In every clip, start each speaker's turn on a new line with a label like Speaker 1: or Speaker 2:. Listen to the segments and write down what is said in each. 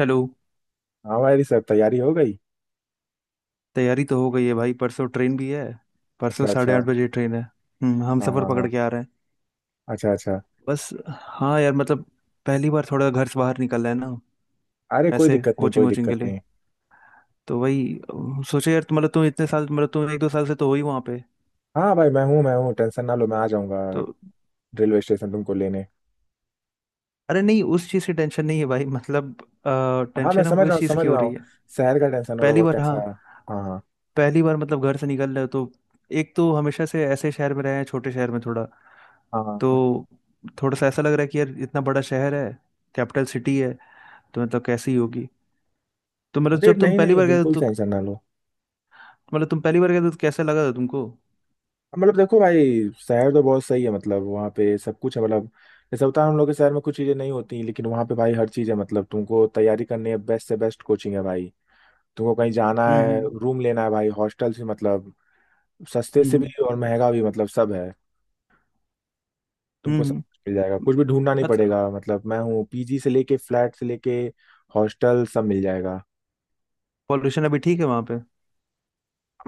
Speaker 1: Hello.
Speaker 2: हाँ भाई sir, तैयारी हो गई।
Speaker 1: तैयारी तो हो गई है भाई, परसों ट्रेन भी है। परसों
Speaker 2: अच्छा,
Speaker 1: साढ़े
Speaker 2: अच्छा।
Speaker 1: आठ बजे ट्रेन है। हम
Speaker 2: हाँ,
Speaker 1: सफ़र
Speaker 2: हाँ,
Speaker 1: पकड़
Speaker 2: हाँ।
Speaker 1: के आ रहे हैं।
Speaker 2: अच्छा, अच्छा।
Speaker 1: बस हाँ यार मतलब पहली बार थोड़ा घर से बाहर निकल रहे हैं ना,
Speaker 2: अरे कोई
Speaker 1: ऐसे
Speaker 2: दिक्कत नहीं,
Speaker 1: कोचिंग
Speaker 2: कोई
Speaker 1: वोचिंग के
Speaker 2: दिक्कत
Speaker 1: लिए।
Speaker 2: नहीं।
Speaker 1: तो वही सोचा यार, मतलब तुम इतने साल, मतलब तुम एक दो साल से तो हो ही वहाँ पे
Speaker 2: हाँ भाई, मैं हूँ, मैं हूँ, टेंशन ना लो, मैं आ जाऊंगा
Speaker 1: तो।
Speaker 2: रेलवे स्टेशन तुमको लेने।
Speaker 1: अरे नहीं उस चीज़ की टेंशन नहीं है भाई, मतलब
Speaker 2: हाँ, मैं
Speaker 1: टेंशन
Speaker 2: समझ
Speaker 1: हमको
Speaker 2: रहा
Speaker 1: इस
Speaker 2: हूँ,
Speaker 1: चीज़
Speaker 2: समझ
Speaker 1: की हो
Speaker 2: रहा
Speaker 1: रही
Speaker 2: हूँ।
Speaker 1: है।
Speaker 2: शहर का टेंशन हो रहा
Speaker 1: पहली
Speaker 2: होगा,
Speaker 1: बार हाँ।
Speaker 2: कैसा है। हाँ, हाँ।
Speaker 1: पहली बार मतलब घर से निकल रहे हो तो। एक तो हमेशा से ऐसे शहर में रहे हैं, छोटे शहर में थोड़ा।
Speaker 2: हाँ, हाँ। हाँ।
Speaker 1: तो थोड़ा सा ऐसा लग रहा है कि यार इतना बड़ा शहर है, कैपिटल सिटी है, तो मतलब कैसी होगी। तो मतलब
Speaker 2: अरे
Speaker 1: जब तुम
Speaker 2: नहीं,
Speaker 1: पहली
Speaker 2: नहीं,
Speaker 1: बार गए थे,
Speaker 2: बिल्कुल
Speaker 1: तो
Speaker 2: टेंशन ना लो।
Speaker 1: कैसा लगा था तुमको।
Speaker 2: मतलब देखो भाई, शहर तो बहुत सही है, मतलब वहाँ पे सब कुछ है। मतलब जैसे होता है हम लोग के शहर में कुछ चीज़ें नहीं होती, लेकिन वहाँ पे भाई हर चीज़ है। मतलब तुमको तैयारी करनी है, बेस्ट से बेस्ट कोचिंग है भाई। तुमको कहीं जाना
Speaker 1: हम्म
Speaker 2: है,
Speaker 1: हम्म
Speaker 2: रूम लेना है भाई, हॉस्टल से, मतलब सस्ते से
Speaker 1: हम्म
Speaker 2: भी और महंगा भी, मतलब सब है।
Speaker 1: हम्म
Speaker 2: तुमको सब
Speaker 1: हम्म।
Speaker 2: कुछ मिल जाएगा, कुछ भी ढूंढना नहीं
Speaker 1: मतलब
Speaker 2: पड़ेगा। मतलब मैं हूँ, पीजी से लेके फ्लैट से लेके हॉस्टल, सब मिल जाएगा।
Speaker 1: पॉल्यूशन अभी ठीक है वहां पे?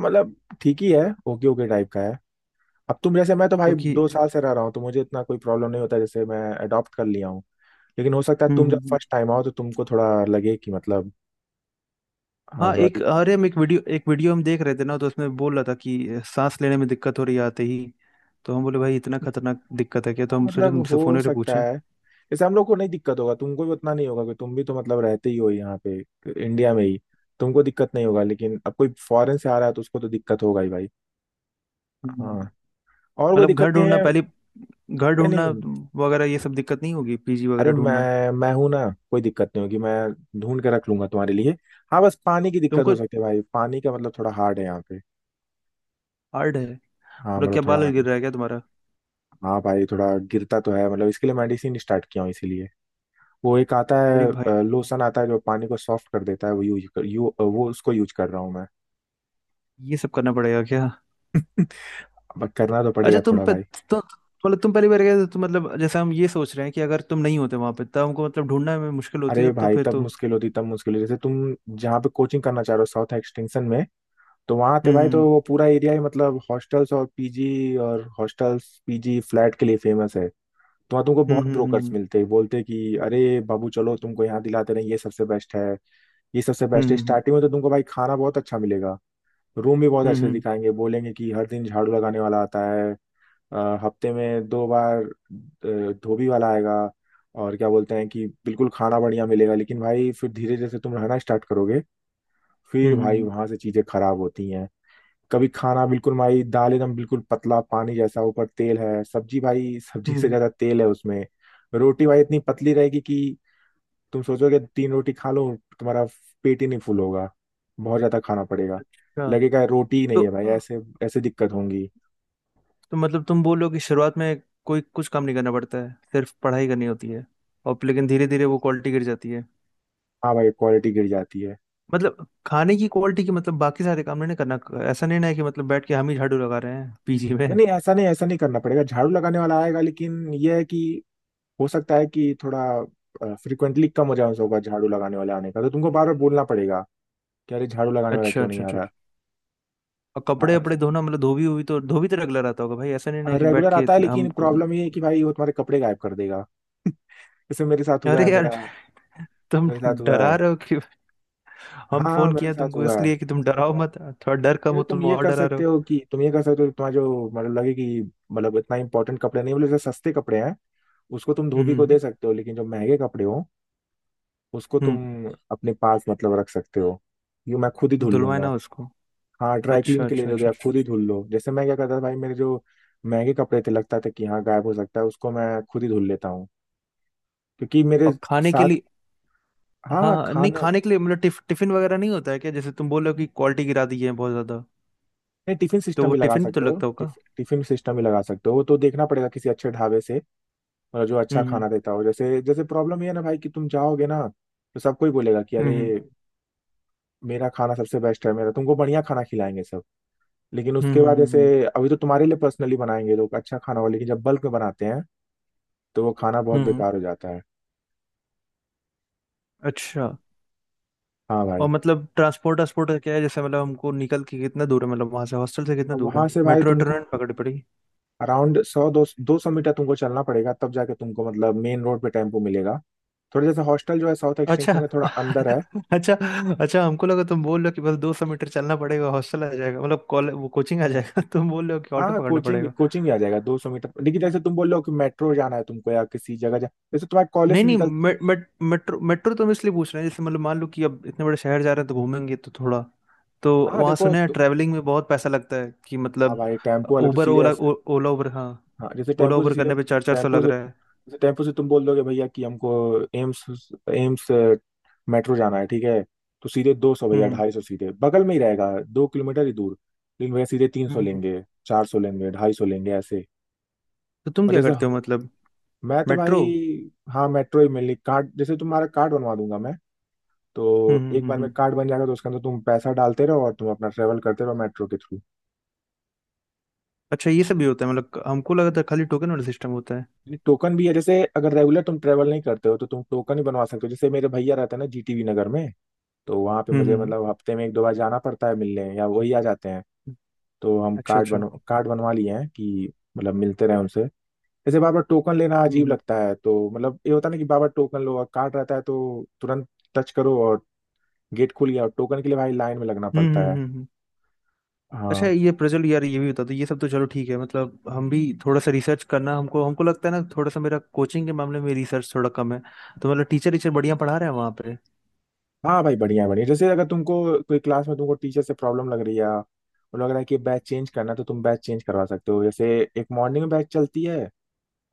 Speaker 2: मतलब ठीक ही है, ओके ओके टाइप का है। अब तुम जैसे, मैं तो भाई
Speaker 1: क्योंकि।
Speaker 2: 2 साल से रह रहा हूँ, तो मुझे इतना कोई प्रॉब्लम नहीं होता, जैसे मैं अडॉप्ट कर लिया हूँ। लेकिन हो सकता है तुम जब
Speaker 1: हम्म।
Speaker 2: फर्स्ट टाइम आओ, तो तुमको थोड़ा लगे कि मतलब हाँ,
Speaker 1: हाँ
Speaker 2: थोड़ा
Speaker 1: एक, अरे
Speaker 2: दिक्कत
Speaker 1: हम एक वीडियो हम देख रहे थे ना, तो उसमें बोल रहा था कि सांस लेने में दिक्कत हो रही है आते ही। तो हम बोले भाई इतना
Speaker 2: है।
Speaker 1: खतरनाक दिक्कत है क्या, तो
Speaker 2: हाँ,
Speaker 1: हम सोचे
Speaker 2: मतलब
Speaker 1: तुमसे
Speaker 2: हो
Speaker 1: फोन पे
Speaker 2: सकता
Speaker 1: पूछें।
Speaker 2: है। जैसे हम लोग को नहीं दिक्कत होगा, तुमको भी उतना नहीं होगा, कि तुम भी तो मतलब रहते ही हो यहाँ पे, इंडिया में ही। तुमको दिक्कत नहीं होगा, लेकिन अब कोई फॉरेन से आ रहा है तो उसको तो दिक्कत होगा ही भाई।
Speaker 1: हम्म।
Speaker 2: हाँ, और कोई
Speaker 1: मतलब घर
Speaker 2: दिक्कत नहीं
Speaker 1: ढूंढना
Speaker 2: है।
Speaker 1: पहले, घर
Speaker 2: नहीं,
Speaker 1: ढूंढना
Speaker 2: नहीं।
Speaker 1: वगैरह ये सब दिक्कत नहीं होगी, पीजी वगैरह
Speaker 2: अरे
Speaker 1: ढूंढना।
Speaker 2: मैं हूं ना, कोई दिक्कत नहीं होगी, मैं ढूंढ के रख लूंगा तुम्हारे लिए। हाँ, बस पानी की दिक्कत हो
Speaker 1: तुमको
Speaker 2: सकती है भाई, पानी का मतलब थोड़ा हार्ड है यहाँ पे।
Speaker 1: हार्ड है?
Speaker 2: हाँ,
Speaker 1: मतलब
Speaker 2: मतलब
Speaker 1: क्या
Speaker 2: थोड़ा
Speaker 1: बाल
Speaker 2: हार्ड है।
Speaker 1: गिर रहा है क्या तुम्हारा?
Speaker 2: हाँ भाई, थोड़ा गिरता तो है, मतलब इसके लिए मेडिसिन स्टार्ट किया हूँ इसीलिए। वो एक आता
Speaker 1: अरे भाई
Speaker 2: है, लोशन आता है जो पानी को सॉफ्ट कर देता है, वो यूज कर यू अ, वो उसको यूज कर रहा हूँ मैं।
Speaker 1: ये सब करना पड़ेगा क्या?
Speaker 2: अब करना तो
Speaker 1: अच्छा
Speaker 2: पड़ेगा
Speaker 1: तुम
Speaker 2: थोड़ा
Speaker 1: पे
Speaker 2: भाई।
Speaker 1: तो, मतलब तुम पहली बार गए थे तो मतलब जैसे हम ये सोच रहे हैं कि अगर तुम नहीं होते वहां पे तब हमको मतलब ढूंढना में मुश्किल होती,
Speaker 2: अरे
Speaker 1: तब तो
Speaker 2: भाई,
Speaker 1: फिर
Speaker 2: तब
Speaker 1: तो।
Speaker 2: मुश्किल होती, तब मुश्किल होती, जैसे तुम जहाँ पे कोचिंग करना चाह रहे हो, साउथ एक्सटेंशन में। तो वहाँ आते भाई तो
Speaker 1: हम्म
Speaker 2: वो पूरा एरिया ही मतलब हॉस्टल्स और पीजी, और हॉस्टल्स, पीजी, फ्लैट के लिए फेमस है। तो वहाँ तुमको
Speaker 1: हम्म
Speaker 2: बहुत
Speaker 1: हम्म
Speaker 2: ब्रोकर्स
Speaker 1: हम्म
Speaker 2: मिलते हैं, बोलते हैं कि अरे बाबू चलो, तुमको यहाँ दिलाते रहे, ये सबसे बेस्ट है, ये सबसे
Speaker 1: हम्म
Speaker 2: बेस्ट है।
Speaker 1: हम्म हम्म
Speaker 2: स्टार्टिंग में तो तुमको भाई खाना बहुत अच्छा मिलेगा। रूम भी बहुत
Speaker 1: हम्म,
Speaker 2: अच्छे से
Speaker 1: हम्म,
Speaker 2: दिखाएंगे, बोलेंगे कि हर दिन झाड़ू लगाने वाला आता है, अ, हफ्ते में दो बार, धोबी वाला आएगा। और क्या बोलते हैं कि बिल्कुल खाना बढ़िया मिलेगा। लेकिन भाई फिर धीरे धीरे से तुम रहना स्टार्ट करोगे, फिर
Speaker 1: हम्म
Speaker 2: भाई
Speaker 1: हम्म,
Speaker 2: वहां से चीजें खराब होती हैं। कभी खाना बिल्कुल भाई, दाल एकदम बिल्कुल पतला पानी जैसा, ऊपर तेल है, सब्जी भाई, सब्जी
Speaker 1: हम्म, हम्म,
Speaker 2: से
Speaker 1: हम्म।
Speaker 2: ज्यादा तेल है उसमें। रोटी भाई इतनी पतली रहेगी कि तुम सोचोगे तीन रोटी खा लो, तुम्हारा पेट ही नहीं फुल होगा, बहुत ज्यादा खाना पड़ेगा।
Speaker 1: अच्छा
Speaker 2: लगेगा रोटी ही नहीं
Speaker 1: तो
Speaker 2: है भाई, ऐसे ऐसे दिक्कत होंगी।
Speaker 1: तो मतलब तुम बोल रहे हो कि शुरुआत में कोई कुछ काम नहीं करना पड़ता है, सिर्फ पढ़ाई करनी होती है, और लेकिन धीरे धीरे वो क्वालिटी गिर जाती है।
Speaker 2: हाँ भाई, क्वालिटी गिर जाती है।
Speaker 1: मतलब खाने की क्वालिटी की, मतलब बाकी सारे काम नहीं ना करना। ऐसा नहीं ना है कि मतलब बैठ के हम ही झाड़ू लगा रहे हैं पीजी में।
Speaker 2: नहीं, नहीं, ऐसा नहीं, ऐसा नहीं करना पड़ेगा, झाड़ू लगाने वाला आएगा, लेकिन यह है कि हो सकता है कि थोड़ा फ्रिक्वेंटली कम हो जाए होगा झाड़ू लगाने वाले आने का, तो तुमको बार बार बोलना पड़ेगा कि अरे झाड़ू लगाने वाला
Speaker 1: अच्छा
Speaker 2: क्यों नहीं
Speaker 1: अच्छा
Speaker 2: आ
Speaker 1: अच्छा
Speaker 2: रहा।
Speaker 1: अच्छा। और
Speaker 2: हाँ,
Speaker 1: कपड़े वपड़े
Speaker 2: ऐसा
Speaker 1: धोना, मतलब धोबी हुई तो धोबी तो रगला रहता होगा भाई, ऐसा नहीं ना है कि बैठ
Speaker 2: रेगुलर
Speaker 1: के
Speaker 2: आता है, लेकिन
Speaker 1: हमको।
Speaker 2: प्रॉब्लम ये है कि भाई वो तुम्हारे कपड़े गायब कर देगा। जैसे मेरे साथ हुआ
Speaker 1: अरे
Speaker 2: है
Speaker 1: यार
Speaker 2: मेरा
Speaker 1: तुम
Speaker 2: मेरे साथ हुआ
Speaker 1: डरा
Speaker 2: है।
Speaker 1: रहे हो कि, हम
Speaker 2: हाँ, हाँ,
Speaker 1: फोन
Speaker 2: मेरे
Speaker 1: किया
Speaker 2: साथ
Speaker 1: तुमको
Speaker 2: हुआ है।
Speaker 1: इसलिए कि तुम डराओ मत, थोड़ा डर कम
Speaker 2: ये
Speaker 1: हो,
Speaker 2: तुम
Speaker 1: तुम
Speaker 2: ये
Speaker 1: और
Speaker 2: कर
Speaker 1: डरा रहे
Speaker 2: सकते
Speaker 1: हो।
Speaker 2: हो कि तुम ये कर सकते हो कि तुम्हारा जो मतलब लगे कि, मतलब इतना इंपॉर्टेंट कपड़े नहीं बोले, जैसे सस्ते कपड़े हैं, उसको तुम
Speaker 1: हम्म
Speaker 2: धोबी को दे
Speaker 1: हम्म
Speaker 2: सकते हो, लेकिन जो महंगे कपड़े हो, उसको तुम
Speaker 1: हम्म,
Speaker 2: अपने पास मतलब रख सकते हो। यूँ मैं खुद ही धुल
Speaker 1: धुलवाए
Speaker 2: लूंगा।
Speaker 1: ना उसको।
Speaker 2: हाँ, ड्राई क्लीन
Speaker 1: अच्छा
Speaker 2: के लिए
Speaker 1: अच्छा
Speaker 2: दे दो,
Speaker 1: अच्छा
Speaker 2: या
Speaker 1: अच्छा।
Speaker 2: खुद ही धुल लो। जैसे मैं क्या करता था भाई, मेरे जो महंगे कपड़े थे, लगता था कि हाँ गायब हो सकता है, उसको मैं खुद ही धुल लेता हूँ, क्योंकि मेरे
Speaker 1: और खाने के
Speaker 2: साथ।
Speaker 1: लिए? हाँ
Speaker 2: हाँ,
Speaker 1: हाँ, नहीं
Speaker 2: खाना।
Speaker 1: खाने के लिए मतलब टिफिन वगैरह नहीं होता है क्या, जैसे तुम बोल रहे हो कि क्वालिटी गिरा दी है बहुत ज्यादा?
Speaker 2: नहीं, टिफिन
Speaker 1: तो
Speaker 2: सिस्टम
Speaker 1: वो
Speaker 2: भी लगा
Speaker 1: टिफिन भी तो
Speaker 2: सकते हो,
Speaker 1: लगता होगा।
Speaker 2: टिफिन सिस्टम भी लगा सकते हो, वो तो देखना पड़ेगा किसी अच्छे ढाबे से। मतलब जो अच्छा
Speaker 1: हम्म
Speaker 2: खाना देता हो। जैसे जैसे प्रॉब्लम ये है ना भाई कि तुम जाओगे ना, तो सब कोई बोलेगा कि
Speaker 1: हम्म
Speaker 2: अरे
Speaker 1: हम्म
Speaker 2: मेरा खाना सबसे बेस्ट है, मेरा तुमको बढ़िया खाना खिलाएंगे सब। लेकिन
Speaker 1: हम्म
Speaker 2: उसके
Speaker 1: हम्म
Speaker 2: बाद
Speaker 1: हम्म, हम्म,
Speaker 2: जैसे,
Speaker 1: हम्म,
Speaker 2: अभी तो तुम्हारे लिए पर्सनली बनाएंगे लोग अच्छा खाना हो, लेकिन जब बल्क में बनाते हैं तो वो खाना बहुत
Speaker 1: हम्म।
Speaker 2: बेकार हो जाता है।
Speaker 1: अच्छा
Speaker 2: हाँ
Speaker 1: और
Speaker 2: भाई।
Speaker 1: मतलब ट्रांसपोर्ट ट्रांसपोर्ट का क्या है जैसे, मतलब हमको निकल के कितना दूर है, मतलब वहां से हॉस्टल से कितना
Speaker 2: अब
Speaker 1: दूर
Speaker 2: वहां
Speaker 1: है,
Speaker 2: से भाई
Speaker 1: मेट्रो
Speaker 2: तुमको
Speaker 1: ट्रेन पकड़ पड़ी?
Speaker 2: अराउंड सौ दो 200 मीटर तुमको चलना पड़ेगा, तब जाके तुमको मतलब मेन रोड पे टेम्पो मिलेगा। थोड़ा, जैसे हॉस्टल जो है साउथ
Speaker 1: अच्छा
Speaker 2: एक्सटेंशन में, थोड़ा अंदर है।
Speaker 1: अच्छा। अच्छा हमको लगा तुम बोल रहे हो कि बस दो सौ मीटर चलना पड़ेगा, हॉस्टल आ जाएगा, मतलब कॉलेज वो कोचिंग आ जाएगा। तुम बोल रहे हो कि
Speaker 2: हाँ,
Speaker 1: ऑटो
Speaker 2: हाँ,
Speaker 1: पकड़ना
Speaker 2: कोचिंग
Speaker 1: पड़ेगा।
Speaker 2: कोचिंग भी आ जाएगा 200 मीटर, लेकिन जैसे तुम बोल रहे हो कि मेट्रो जाना है तुमको, या किसी जगह जा, जैसे तुम्हारे कॉलेज
Speaker 1: नहीं
Speaker 2: से
Speaker 1: नहीं
Speaker 2: निकल।
Speaker 1: मे, मे, मेट्रो मेट्रो तो हम इसलिए पूछ रहे हैं जैसे, मतलब मान लो कि अब इतने बड़े शहर जा रहे हैं तो घूमेंगे तो थोड़ा। तो
Speaker 2: हाँ
Speaker 1: वहाँ
Speaker 2: देखो
Speaker 1: सुने हैं
Speaker 2: तो।
Speaker 1: ट्रैवलिंग में बहुत पैसा लगता है कि
Speaker 2: हाँ
Speaker 1: मतलब,
Speaker 2: भाई, टेम्पो वाले तो
Speaker 1: उबर
Speaker 2: सीधे
Speaker 1: ओला,
Speaker 2: ऐसे।
Speaker 1: ओला उबर हाँ,
Speaker 2: हाँ, जैसे
Speaker 1: ओला
Speaker 2: टेम्पो से
Speaker 1: उबर
Speaker 2: सीधे,
Speaker 1: करने पे चार चार सौ
Speaker 2: टेम्पो
Speaker 1: लग
Speaker 2: से,
Speaker 1: रहा है।
Speaker 2: जैसे टेम्पो से तुम बोल दोगे भैया कि हमको एम्स एम्स मेट्रो जाना है, ठीक है। तो सीधे 200 भैया,
Speaker 1: हम्म
Speaker 2: 250, सीधे बगल में ही रहेगा, 2 किलोमीटर ही दूर। लेकिन भैया सीधे तीन
Speaker 1: हम्म
Speaker 2: सौ
Speaker 1: हम्म।
Speaker 2: लेंगे, 400 लेंगे, 250 लेंगे, ऐसे।
Speaker 1: तो तुम
Speaker 2: और
Speaker 1: क्या
Speaker 2: जैसे
Speaker 1: करते हो मतलब?
Speaker 2: मैं तो भाई,
Speaker 1: मेट्रो?
Speaker 2: हाँ मेट्रो ही मिली कार्ड, जैसे तुम्हारा कार्ड बनवा दूंगा मैं।
Speaker 1: हम्म
Speaker 2: तो
Speaker 1: हम्म
Speaker 2: एक
Speaker 1: हम्म
Speaker 2: बार में
Speaker 1: हम्म।
Speaker 2: कार्ड बन जाएगा, तो उसके अंदर तुम पैसा डालते रहो और तुम अपना ट्रेवल करते रहो मेट्रो के थ्रू।
Speaker 1: अच्छा ये सब भी होता है, मतलब हमको लगा था खाली टोकन वाला सिस्टम होता है।
Speaker 2: टोकन भी है, जैसे अगर रेगुलर तुम ट्रेवल नहीं करते हो तो तुम टोकन ही बनवा सकते हो। जैसे मेरे भैया रहते हैं ना, जीटीवी नगर में, तो वहाँ पे
Speaker 1: हम्म
Speaker 2: मुझे
Speaker 1: हम्म
Speaker 2: मतलब हफ्ते में एक दो बार जाना पड़ता है मिलने, या वही आ जाते हैं।
Speaker 1: हम्म।
Speaker 2: तो हम
Speaker 1: अच्छा अच्छा।
Speaker 2: कार्ड बनवा लिए हैं कि मतलब मिलते रहे उनसे। जैसे बार बार टोकन लेना
Speaker 1: हम्म
Speaker 2: अजीब
Speaker 1: हम्म
Speaker 2: लगता है, तो मतलब ये होता है ना कि बार बार टोकन लो, और कार्ड रहता है तो तुरंत टच करो और गेट खुल गया, और टोकन के लिए भाई लाइन में लगना
Speaker 1: हम्म
Speaker 2: पड़ता
Speaker 1: हम्म
Speaker 2: है।
Speaker 1: हम्म, हम्म। अच्छा
Speaker 2: हाँ।
Speaker 1: ये प्रज्वल यार, ये भी बता दो, ये सब तो चलो ठीक है, मतलब हम भी थोड़ा सा रिसर्च करना, हमको हमको लगता है ना थोड़ा सा मेरा कोचिंग के मामले में रिसर्च थोड़ा कम है। तो मतलब टीचर टीचर बढ़िया पढ़ा रहे हैं वहाँ पे?
Speaker 2: हाँ भाई, बढ़िया, बढ़िया। जैसे अगर तुमको कोई क्लास में तुमको टीचर से प्रॉब्लम लग रही है और लग रहा है कि बैच चेंज करना है, तो तुम बैच चेंज करवा सकते हो। जैसे एक मॉर्निंग में बैच चलती है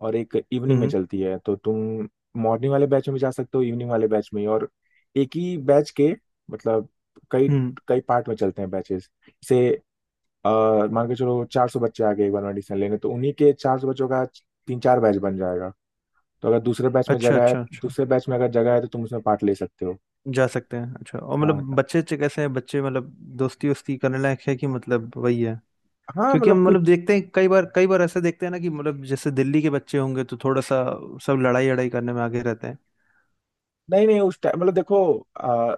Speaker 2: और एक इवनिंग में
Speaker 1: हम्म
Speaker 2: चलती है, तो तुम मॉर्निंग वाले बैच में भी जा सकते हो, इवनिंग वाले बैच में भी। और एक ही बैच के मतलब कई
Speaker 1: हम्म।
Speaker 2: कई पार्ट में चलते हैं बैचेस, जैसे अ, मान के चलो 400 बच्चे आ गए एक बार में एडमिशन लेने, तो उन्हीं के 400 बच्चों का तीन चार बैच बन जाएगा। तो अगर दूसरे बैच में
Speaker 1: अच्छा
Speaker 2: जगह है,
Speaker 1: अच्छा अच्छा
Speaker 2: दूसरे बैच में अगर जगह है, तो तुम उसमें पार्ट ले सकते हो।
Speaker 1: जा सकते हैं। अच्छा और मतलब
Speaker 2: हाँ।
Speaker 1: बच्चे अच्छे कैसे हैं बच्चे, मतलब दोस्ती वोस्ती करने लायक है कि मतलब वही है,
Speaker 2: हाँ
Speaker 1: क्योंकि
Speaker 2: मतलब
Speaker 1: हम मतलब
Speaker 2: कुछ।
Speaker 1: देखते हैं कई बार, कई बार ऐसा देखते हैं ना कि मतलब जैसे दिल्ली के बच्चे होंगे तो थोड़ा सा सब लड़ाई लड़ाई करने में आगे रहते हैं।
Speaker 2: नहीं, नहीं, उस टाइम मतलब देखो, आ,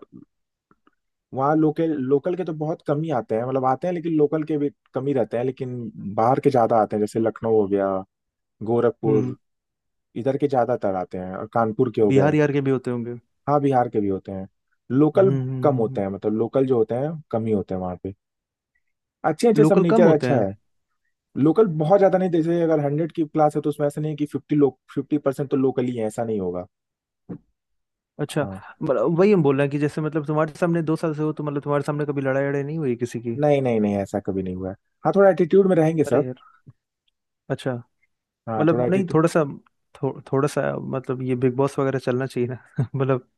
Speaker 2: वहाँ लोकल लोकल के तो बहुत कम ही आते हैं, मतलब आते हैं लेकिन लोकल के भी कम ही रहते हैं, लेकिन बाहर के ज्यादा आते हैं, जैसे लखनऊ हो गया,
Speaker 1: हम्म।
Speaker 2: गोरखपुर, इधर के ज्यादातर आते हैं, और कानपुर के हो
Speaker 1: बिहार
Speaker 2: गए।
Speaker 1: यार के भी होते होंगे।
Speaker 2: हाँ, बिहार के भी होते हैं। लोकल कम होते
Speaker 1: हम्म।
Speaker 2: हैं, मतलब लोकल जो होते हैं कम ही होते हैं वहाँ पे। अच्छे अच्छे सब,
Speaker 1: लोकल कम
Speaker 2: नेचर
Speaker 1: होते
Speaker 2: अच्छा
Speaker 1: हैं।
Speaker 2: है। लोकल बहुत ज्यादा नहीं, जैसे अगर 100 की क्लास है तो उसमें ऐसा नहीं है कि 50 लोग, 50% तो लोकल ही है, ऐसा नहीं होगा।
Speaker 1: अच्छा
Speaker 2: हाँ।
Speaker 1: मतलब वही हम बोल रहे हैं कि जैसे मतलब तुम्हारे सामने दो साल से हो, तो मतलब तुम्हारे सामने कभी लड़ाई लड़ाई नहीं हुई किसी की?
Speaker 2: नहीं, नहीं, नहीं, ऐसा कभी नहीं हुआ है। हाँ, थोड़ा एटीट्यूड में रहेंगे
Speaker 1: अरे
Speaker 2: सब।
Speaker 1: यार। अच्छा
Speaker 2: हाँ, थोड़ा
Speaker 1: मतलब नहीं,
Speaker 2: एटीट्यूड।
Speaker 1: थोड़ा सा थोड़ा सा, मतलब ये बिग बॉस वगैरह चलना चाहिए ना मतलब।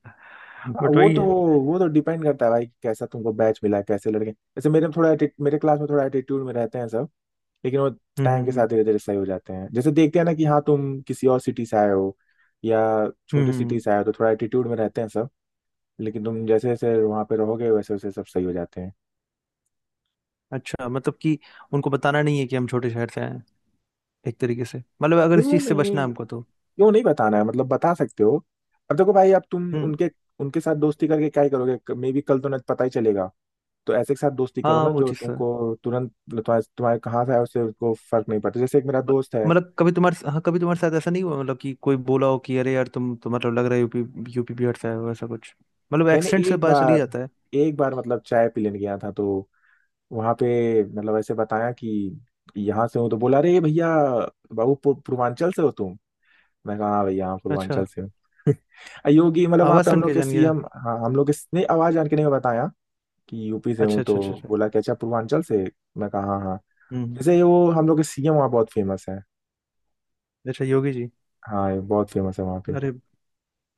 Speaker 2: हाँ,
Speaker 1: बट वही है।
Speaker 2: वो तो डिपेंड करता है भाई कि कैसा तुमको बैच मिला है, कैसे लड़के, जैसे मेरे में थोड़ा मेरे क्लास में थोड़ा एटीट्यूड में रहते हैं सब। लेकिन वो
Speaker 1: हम्म
Speaker 2: टाइम के
Speaker 1: हम्म
Speaker 2: साथ
Speaker 1: हम्म
Speaker 2: धीरे धीरे सही हो जाते हैं। जैसे देखते हैं ना कि हाँ, तुम किसी और सिटी से आए हो या छोटे सिटी
Speaker 1: हम्म।
Speaker 2: से आए हो, तो थोड़ा एटीट्यूड में रहते हैं सब। लेकिन तुम जैसे जैसे वहाँ पे रहोगे, वैसे वैसे सब सही हो जाते हैं।
Speaker 1: अच्छा मतलब कि उनको बताना नहीं है कि हम छोटे शहर से आए हैं एक तरीके से, मतलब अगर इस
Speaker 2: क्यों
Speaker 1: चीज से बचना
Speaker 2: नहीं,
Speaker 1: है हमको तो।
Speaker 2: क्यों नहीं बताना है, मतलब बता सकते हो। अब देखो भाई, अब तुम
Speaker 1: हम्म।
Speaker 2: उनके उनके साथ दोस्ती करके क्या ही करोगे, मे बी कल तो न पता ही चलेगा। तो ऐसे के साथ दोस्ती करो
Speaker 1: हाँ
Speaker 2: ना
Speaker 1: वो
Speaker 2: जो
Speaker 1: चीज तो है।
Speaker 2: तुमको तुरंत तुम्हारे तुम्हारे कहाँ से आया उससे, उसको फर्क नहीं पड़ता, जैसे एक मेरा
Speaker 1: म-
Speaker 2: दोस्त है।
Speaker 1: मतलब कभी तुम्हारे, हाँ कभी तुम्हारे साथ ऐसा नहीं हुआ मतलब कि कोई बोला हो कि अरे यार तुम, तुम्हारा लग रहा है यूपी, यूपी बिहार से आए हो ऐसा कुछ? मतलब
Speaker 2: मैंने
Speaker 1: एक्सेंट से
Speaker 2: एक
Speaker 1: पता चली
Speaker 2: बार,
Speaker 1: जाता है।
Speaker 2: मतलब चाय पी लेने गया था, तो वहां पे मतलब ऐसे बताया कि यहाँ से हूँ, तो बोला, अरे भैया बाबू पूर्वांचल से हो तुम। मैं कहा हाँ भैया, हाँ
Speaker 1: अच्छा।
Speaker 2: पूर्वांचल से हूँ। योगी, मतलब वहां
Speaker 1: आवाज
Speaker 2: पे हम
Speaker 1: सुन
Speaker 2: लोग
Speaker 1: के
Speaker 2: के
Speaker 1: जान गया।
Speaker 2: सीएम। हाँ हम लोग के, नहीं, आवाज जान के नहीं बताया कि यूपी से हूँ
Speaker 1: अच्छा
Speaker 2: तो
Speaker 1: अच्छा अच्छा अच्छा।
Speaker 2: बोला कि अच्छा पूर्वांचल से। मैं कहा हाँ हाँ।
Speaker 1: हम्म हम्म।
Speaker 2: जैसे वो हम लोग के सीएम वहाँ बहुत फेमस है।
Speaker 1: अच्छा योगी जी।
Speaker 2: हाँ ये बहुत फेमस है वहाँ पे।
Speaker 1: अरे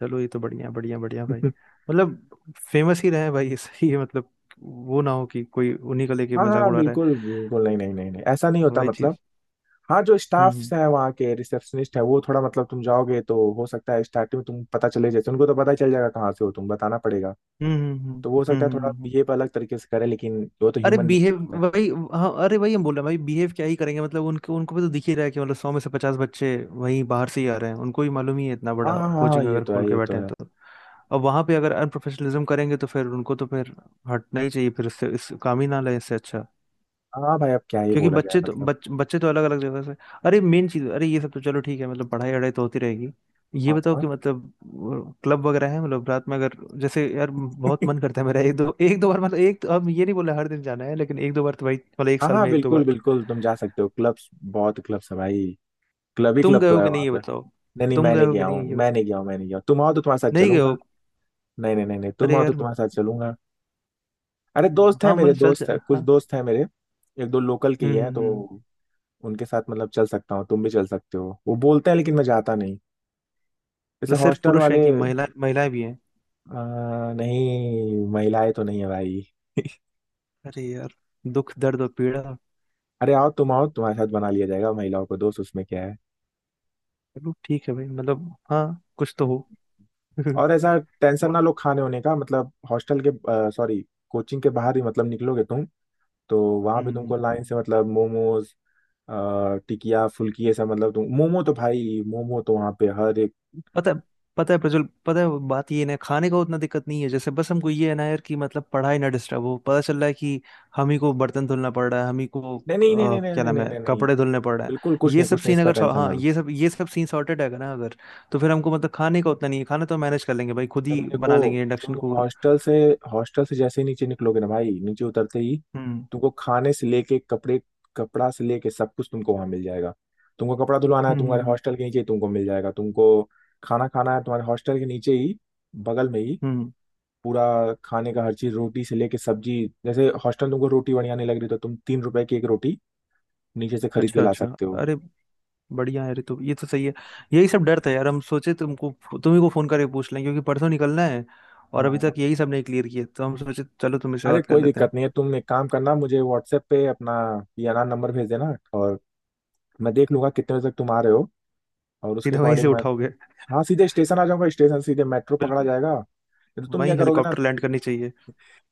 Speaker 1: चलो ये तो बढ़िया बढ़िया बढ़िया भाई, मतलब फेमस ही रहे भाई सही है मतलब, वो ना हो कि कोई उन्हीं को लेके
Speaker 2: हाँ
Speaker 1: मजाक
Speaker 2: हाँ,
Speaker 1: उड़ा रहा
Speaker 2: बिल्कुल बिल्कुल, नहीं नहीं नहीं नहीं, ऐसा नहीं
Speaker 1: है
Speaker 2: होता
Speaker 1: वही
Speaker 2: मतलब।
Speaker 1: चीज।
Speaker 2: हाँ, जो
Speaker 1: हम्म
Speaker 2: स्टाफ्स हैं वहाँ के, रिसेप्शनिस्ट है, वो थोड़ा मतलब तुम जाओगे तो हो सकता है स्टार्टिंग में तुम पता चले, जैसे उनको तो पता ही चल जाएगा कहाँ से हो तुम, बताना पड़ेगा।
Speaker 1: हम्म हम्म हम्म
Speaker 2: तो वो हो सकता
Speaker 1: हम्म
Speaker 2: है
Speaker 1: हम्म,
Speaker 2: थोड़ा
Speaker 1: हम्म, हम्म,
Speaker 2: बिहेव अलग तरीके से करे, लेकिन वो तो
Speaker 1: अरे
Speaker 2: ह्यूमन नेचर
Speaker 1: बिहेव,
Speaker 2: होता है।
Speaker 1: वही। हाँ अरे वही हम बोल रहे हैं भाई, बिहेव क्या ही करेंगे, मतलब उनको, भी तो दिख ही रहा है कि मतलब सौ में से पचास बच्चे वहीं बाहर से ही आ रहे हैं, उनको भी मालूम ही है, इतना
Speaker 2: हाँ
Speaker 1: बड़ा
Speaker 2: हाँ हाँ हाँ,
Speaker 1: कोचिंग
Speaker 2: ये
Speaker 1: अगर
Speaker 2: तो
Speaker 1: खोल
Speaker 2: है
Speaker 1: के
Speaker 2: ये तो
Speaker 1: बैठे हैं
Speaker 2: है।
Speaker 1: तो। अब वहां पे अगर अनप्रोफेशनलिज्म करेंगे तो फिर उनको तो फिर हटना ही चाहिए, फिर इससे इस काम ही ना लें इससे अच्छा।
Speaker 2: हाँ भाई, अब क्या ही
Speaker 1: क्योंकि
Speaker 2: बोला जाए
Speaker 1: बच्चे तो
Speaker 2: मतलब।
Speaker 1: बच्चे तो अलग अलग जगह से। अरे मेन चीज, अरे ये सब तो चलो ठीक है, मतलब पढ़ाई वढ़ाई तो होती रहेगी। ये
Speaker 2: हाँ
Speaker 1: बताओ
Speaker 2: हाँ।
Speaker 1: कि मतलब क्लब वगैरह है, मतलब रात में अगर, जैसे यार बहुत मन करता है मेरा एक दो, एक दो बार मतलब, एक तो, अब ये नहीं बोला हर दिन जाना है लेकिन एक दो बार तो भाई, मतलब एक
Speaker 2: हाँ
Speaker 1: साल
Speaker 2: हाँ,
Speaker 1: में एक दो
Speaker 2: बिल्कुल
Speaker 1: बार।
Speaker 2: बिल्कुल, तुम जा सकते हो, क्लब्स बहुत क्लब्स है भाई। क्लब ही
Speaker 1: तुम
Speaker 2: क्लब
Speaker 1: गए
Speaker 2: तो
Speaker 1: हो
Speaker 2: है
Speaker 1: कि नहीं
Speaker 2: वहाँ
Speaker 1: ये
Speaker 2: पे।
Speaker 1: बताओ।
Speaker 2: नहीं नहीं,
Speaker 1: तुम
Speaker 2: मैं
Speaker 1: गए
Speaker 2: नहीं
Speaker 1: हो कि
Speaker 2: गया हूँ,
Speaker 1: नहीं ये
Speaker 2: मैं
Speaker 1: बताओ।
Speaker 2: नहीं गया हूँ, मैं नहीं गया हूँ। तुम आओ तो तुम्हारे साथ
Speaker 1: नहीं गए हो?
Speaker 2: चलूंगा। नहीं नहीं नहीं नहीं, तुम
Speaker 1: अरे
Speaker 2: आओ तो
Speaker 1: यार।
Speaker 2: तुम्हारे साथ चलूंगा। अरे दोस्त है
Speaker 1: हाँ
Speaker 2: मेरे,
Speaker 1: मतलब चल
Speaker 2: दोस्त
Speaker 1: चल
Speaker 2: है, कुछ
Speaker 1: हाँ।
Speaker 2: दोस्त है मेरे। एक दो लोकल के ही हैं, तो
Speaker 1: हम्म।
Speaker 2: उनके साथ मतलब चल सकता हूँ, तुम भी चल सकते हो, वो बोलते हैं, लेकिन मैं जाता नहीं। जैसे
Speaker 1: मतलब सिर्फ
Speaker 2: हॉस्टल
Speaker 1: पुरुष हैं
Speaker 2: वाले।
Speaker 1: कि महिला, महिलाएं भी हैं?
Speaker 2: नहीं महिलाएं तो नहीं है भाई।
Speaker 1: अरे यार दुख दर्द और पीड़ा।
Speaker 2: अरे आओ, तुम आओ, तुम्हारे साथ बना लिया जाएगा महिलाओं को दोस्त, उसमें क्या है।
Speaker 1: चलो ठीक है भाई मतलब हाँ, कुछ तो हो।
Speaker 2: और ऐसा टेंशन
Speaker 1: म-
Speaker 2: ना लो खाने होने का, मतलब हॉस्टल के, सॉरी, कोचिंग के बाहर ही मतलब निकलोगे तुम, तो वहां पे
Speaker 1: हम्म,
Speaker 2: तुमको लाइन से मतलब मोमोज, टिकिया, फुल्की, ऐसा मतलब। तुम मोमो तो भाई, मोमो तो वहां पे हर एक।
Speaker 1: पता है, पता है प्रज्वल, पता है बात ये है ना, खाने का उतना दिक्कत नहीं है जैसे, बस हमको ये है ना यार कि मतलब पढ़ाई ना डिस्टर्ब हो, पता चल रहा है कि हम ही को बर्तन धुलना पड़ रहा है, हम ही को
Speaker 2: नहीं नहीं नहीं नहीं नहीं
Speaker 1: क्या
Speaker 2: नहीं
Speaker 1: नाम
Speaker 2: नहीं
Speaker 1: है
Speaker 2: नहीं नहीं,
Speaker 1: कपड़े धुलने पड़ रहे हैं।
Speaker 2: बिल्कुल कुछ
Speaker 1: ये
Speaker 2: नहीं
Speaker 1: सब
Speaker 2: कुछ नहीं,
Speaker 1: सीन
Speaker 2: इसका
Speaker 1: अगर
Speaker 2: टेंशन
Speaker 1: हाँ,
Speaker 2: ना लो।
Speaker 1: ये सब सीन सॉर्टेड है ना अगर, तो फिर हमको मतलब खाने का उतना नहीं है, खाना तो मैनेज कर लेंगे भाई खुद
Speaker 2: देखो
Speaker 1: ही बना
Speaker 2: देखो,
Speaker 1: लेंगे, इंडक्शन
Speaker 2: तुम
Speaker 1: कुकर।
Speaker 2: हॉस्टल से जैसे ही नीचे निकलोगे ना भाई, नीचे उतरते ही
Speaker 1: हम्म
Speaker 2: तुमको खाने से लेके कपड़े, कपड़ा से लेके सब कुछ तुमको वहां मिल जाएगा। तुमको कपड़ा धुलवाना है,
Speaker 1: हम्म
Speaker 2: तुम्हारे
Speaker 1: हम्म
Speaker 2: हॉस्टल के नीचे ही तुमको मिल जाएगा। तुमको खाना खाना है, तुम्हारे हॉस्टल के नीचे ही, बगल में ही,
Speaker 1: हम्म,
Speaker 2: पूरा खाने का हर चीज, रोटी से लेके सब्जी। जैसे हॉस्टल तुमको रोटी बढ़िया नहीं लग रही, तो तुम 3 रुपए की एक रोटी नीचे से खरीद के
Speaker 1: अच्छा
Speaker 2: ला
Speaker 1: अच्छा।
Speaker 2: सकते हो।
Speaker 1: अरे बढ़िया है ऋतु, ये तो सही है। यही सब डर था यार, हम सोचे तुमको, तुम्ही को फोन करके पूछ लें, क्योंकि परसों निकलना है और अभी तक
Speaker 2: हाँ,
Speaker 1: यही सब नहीं क्लियर किए, तो हम सोचे चलो तुम इससे
Speaker 2: अरे
Speaker 1: बात कर
Speaker 2: कोई
Speaker 1: लेते
Speaker 2: दिक्कत
Speaker 1: हैं।
Speaker 2: नहीं है। तुम एक काम करना, मुझे व्हाट्सएप पे अपना याना नंबर भेज देना, और मैं देख लूंगा कितने बजे तक तुम आ रहे हो, और उसके
Speaker 1: सीधे वहीं से
Speaker 2: अकॉर्डिंग मैं।
Speaker 1: उठाओगे?
Speaker 2: हाँ, सीधे स्टेशन आ जाऊंगा, स्टेशन सीधे मेट्रो पकड़ा
Speaker 1: बिल्कुल।
Speaker 2: जाएगा, नहीं तो तुम क्या
Speaker 1: वहीं
Speaker 2: करोगे ना।
Speaker 1: हेलीकॉप्टर लैंड करनी चाहिए।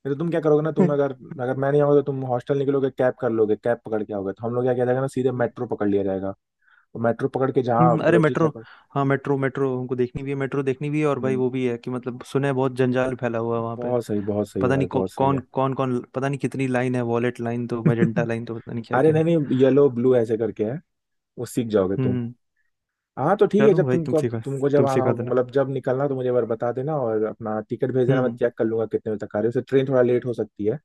Speaker 2: नहीं तो तुम क्या करोगे ना तुम अगर, अगर मैं नहीं आऊंगा तो तुम हॉस्टल निकलोगे, कैब कर लोगे, कैब पकड़ के आओगे, तो हम लोग क्या किया जाएगा ना, सीधे
Speaker 1: हम्म,
Speaker 2: मेट्रो पकड़ लिया जाएगा। और मेट्रो पकड़ के जहाँ
Speaker 1: अरे
Speaker 2: मतलब जिस
Speaker 1: मेट्रो,
Speaker 2: जगह।
Speaker 1: हाँ मेट्रो, मेट्रो हमको देखनी भी है, मेट्रो देखनी भी है, और भाई
Speaker 2: हम्म,
Speaker 1: वो भी है कि मतलब सुना है बहुत जंजाल फैला हुआ है वहाँ पे।
Speaker 2: बहुत सही, बहुत सही है
Speaker 1: पता
Speaker 2: भाई,
Speaker 1: नहीं
Speaker 2: बहुत सही
Speaker 1: कौन
Speaker 2: है।
Speaker 1: कौन कौन, पता नहीं कितनी लाइन है, वॉलेट लाइन तो मैजेंटा लाइन तो पता नहीं क्या
Speaker 2: अरे
Speaker 1: क्या
Speaker 2: नहीं
Speaker 1: है।
Speaker 2: नहीं, येलो, ब्लू ऐसे करके है, वो सीख जाओगे।
Speaker 1: हम्म।
Speaker 2: हाँ तो ठीक है,
Speaker 1: चलो
Speaker 2: जब
Speaker 1: भाई तुम
Speaker 2: तुमको,
Speaker 1: सिखा,
Speaker 2: जब
Speaker 1: तुम
Speaker 2: आना
Speaker 1: सिखा
Speaker 2: होगा
Speaker 1: देना।
Speaker 2: मतलब जब निकलना हो, तो मुझे एक बार बता देना, और अपना टिकट भेज देना, मैं
Speaker 1: हम्म।
Speaker 2: चेक कर लूंगा कितने बजे तक आ रही है। वैसे ट्रेन थोड़ा लेट हो सकती है।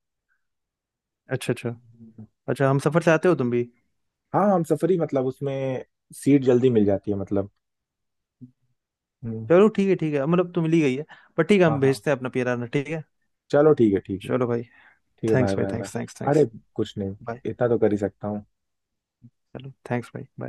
Speaker 1: अच्छा अच्छा।
Speaker 2: हम्म।
Speaker 1: अच्छा हम सफर से आते हो तुम भी?
Speaker 2: हाँ हम सफरी मतलब, उसमें सीट जल्दी मिल जाती है मतलब। हम्म,
Speaker 1: चलो ठीक है ठीक है, मतलब तुम ली गई है, पर ठीक है,
Speaker 2: हाँ
Speaker 1: हम
Speaker 2: हाँ,
Speaker 1: भेजते हैं अपना पियराना ठीक है।
Speaker 2: चलो ठीक है ठीक है
Speaker 1: चलो भाई।
Speaker 2: ठीक है, बाय
Speaker 1: थैंक्स भाई,
Speaker 2: बाय बाय।
Speaker 1: थैंक्स थैंक्स
Speaker 2: अरे
Speaker 1: थैंक्स।
Speaker 2: कुछ नहीं,
Speaker 1: बाय।
Speaker 2: इतना तो कर ही सकता हूँ।
Speaker 1: चलो थैंक्स भाई बाय।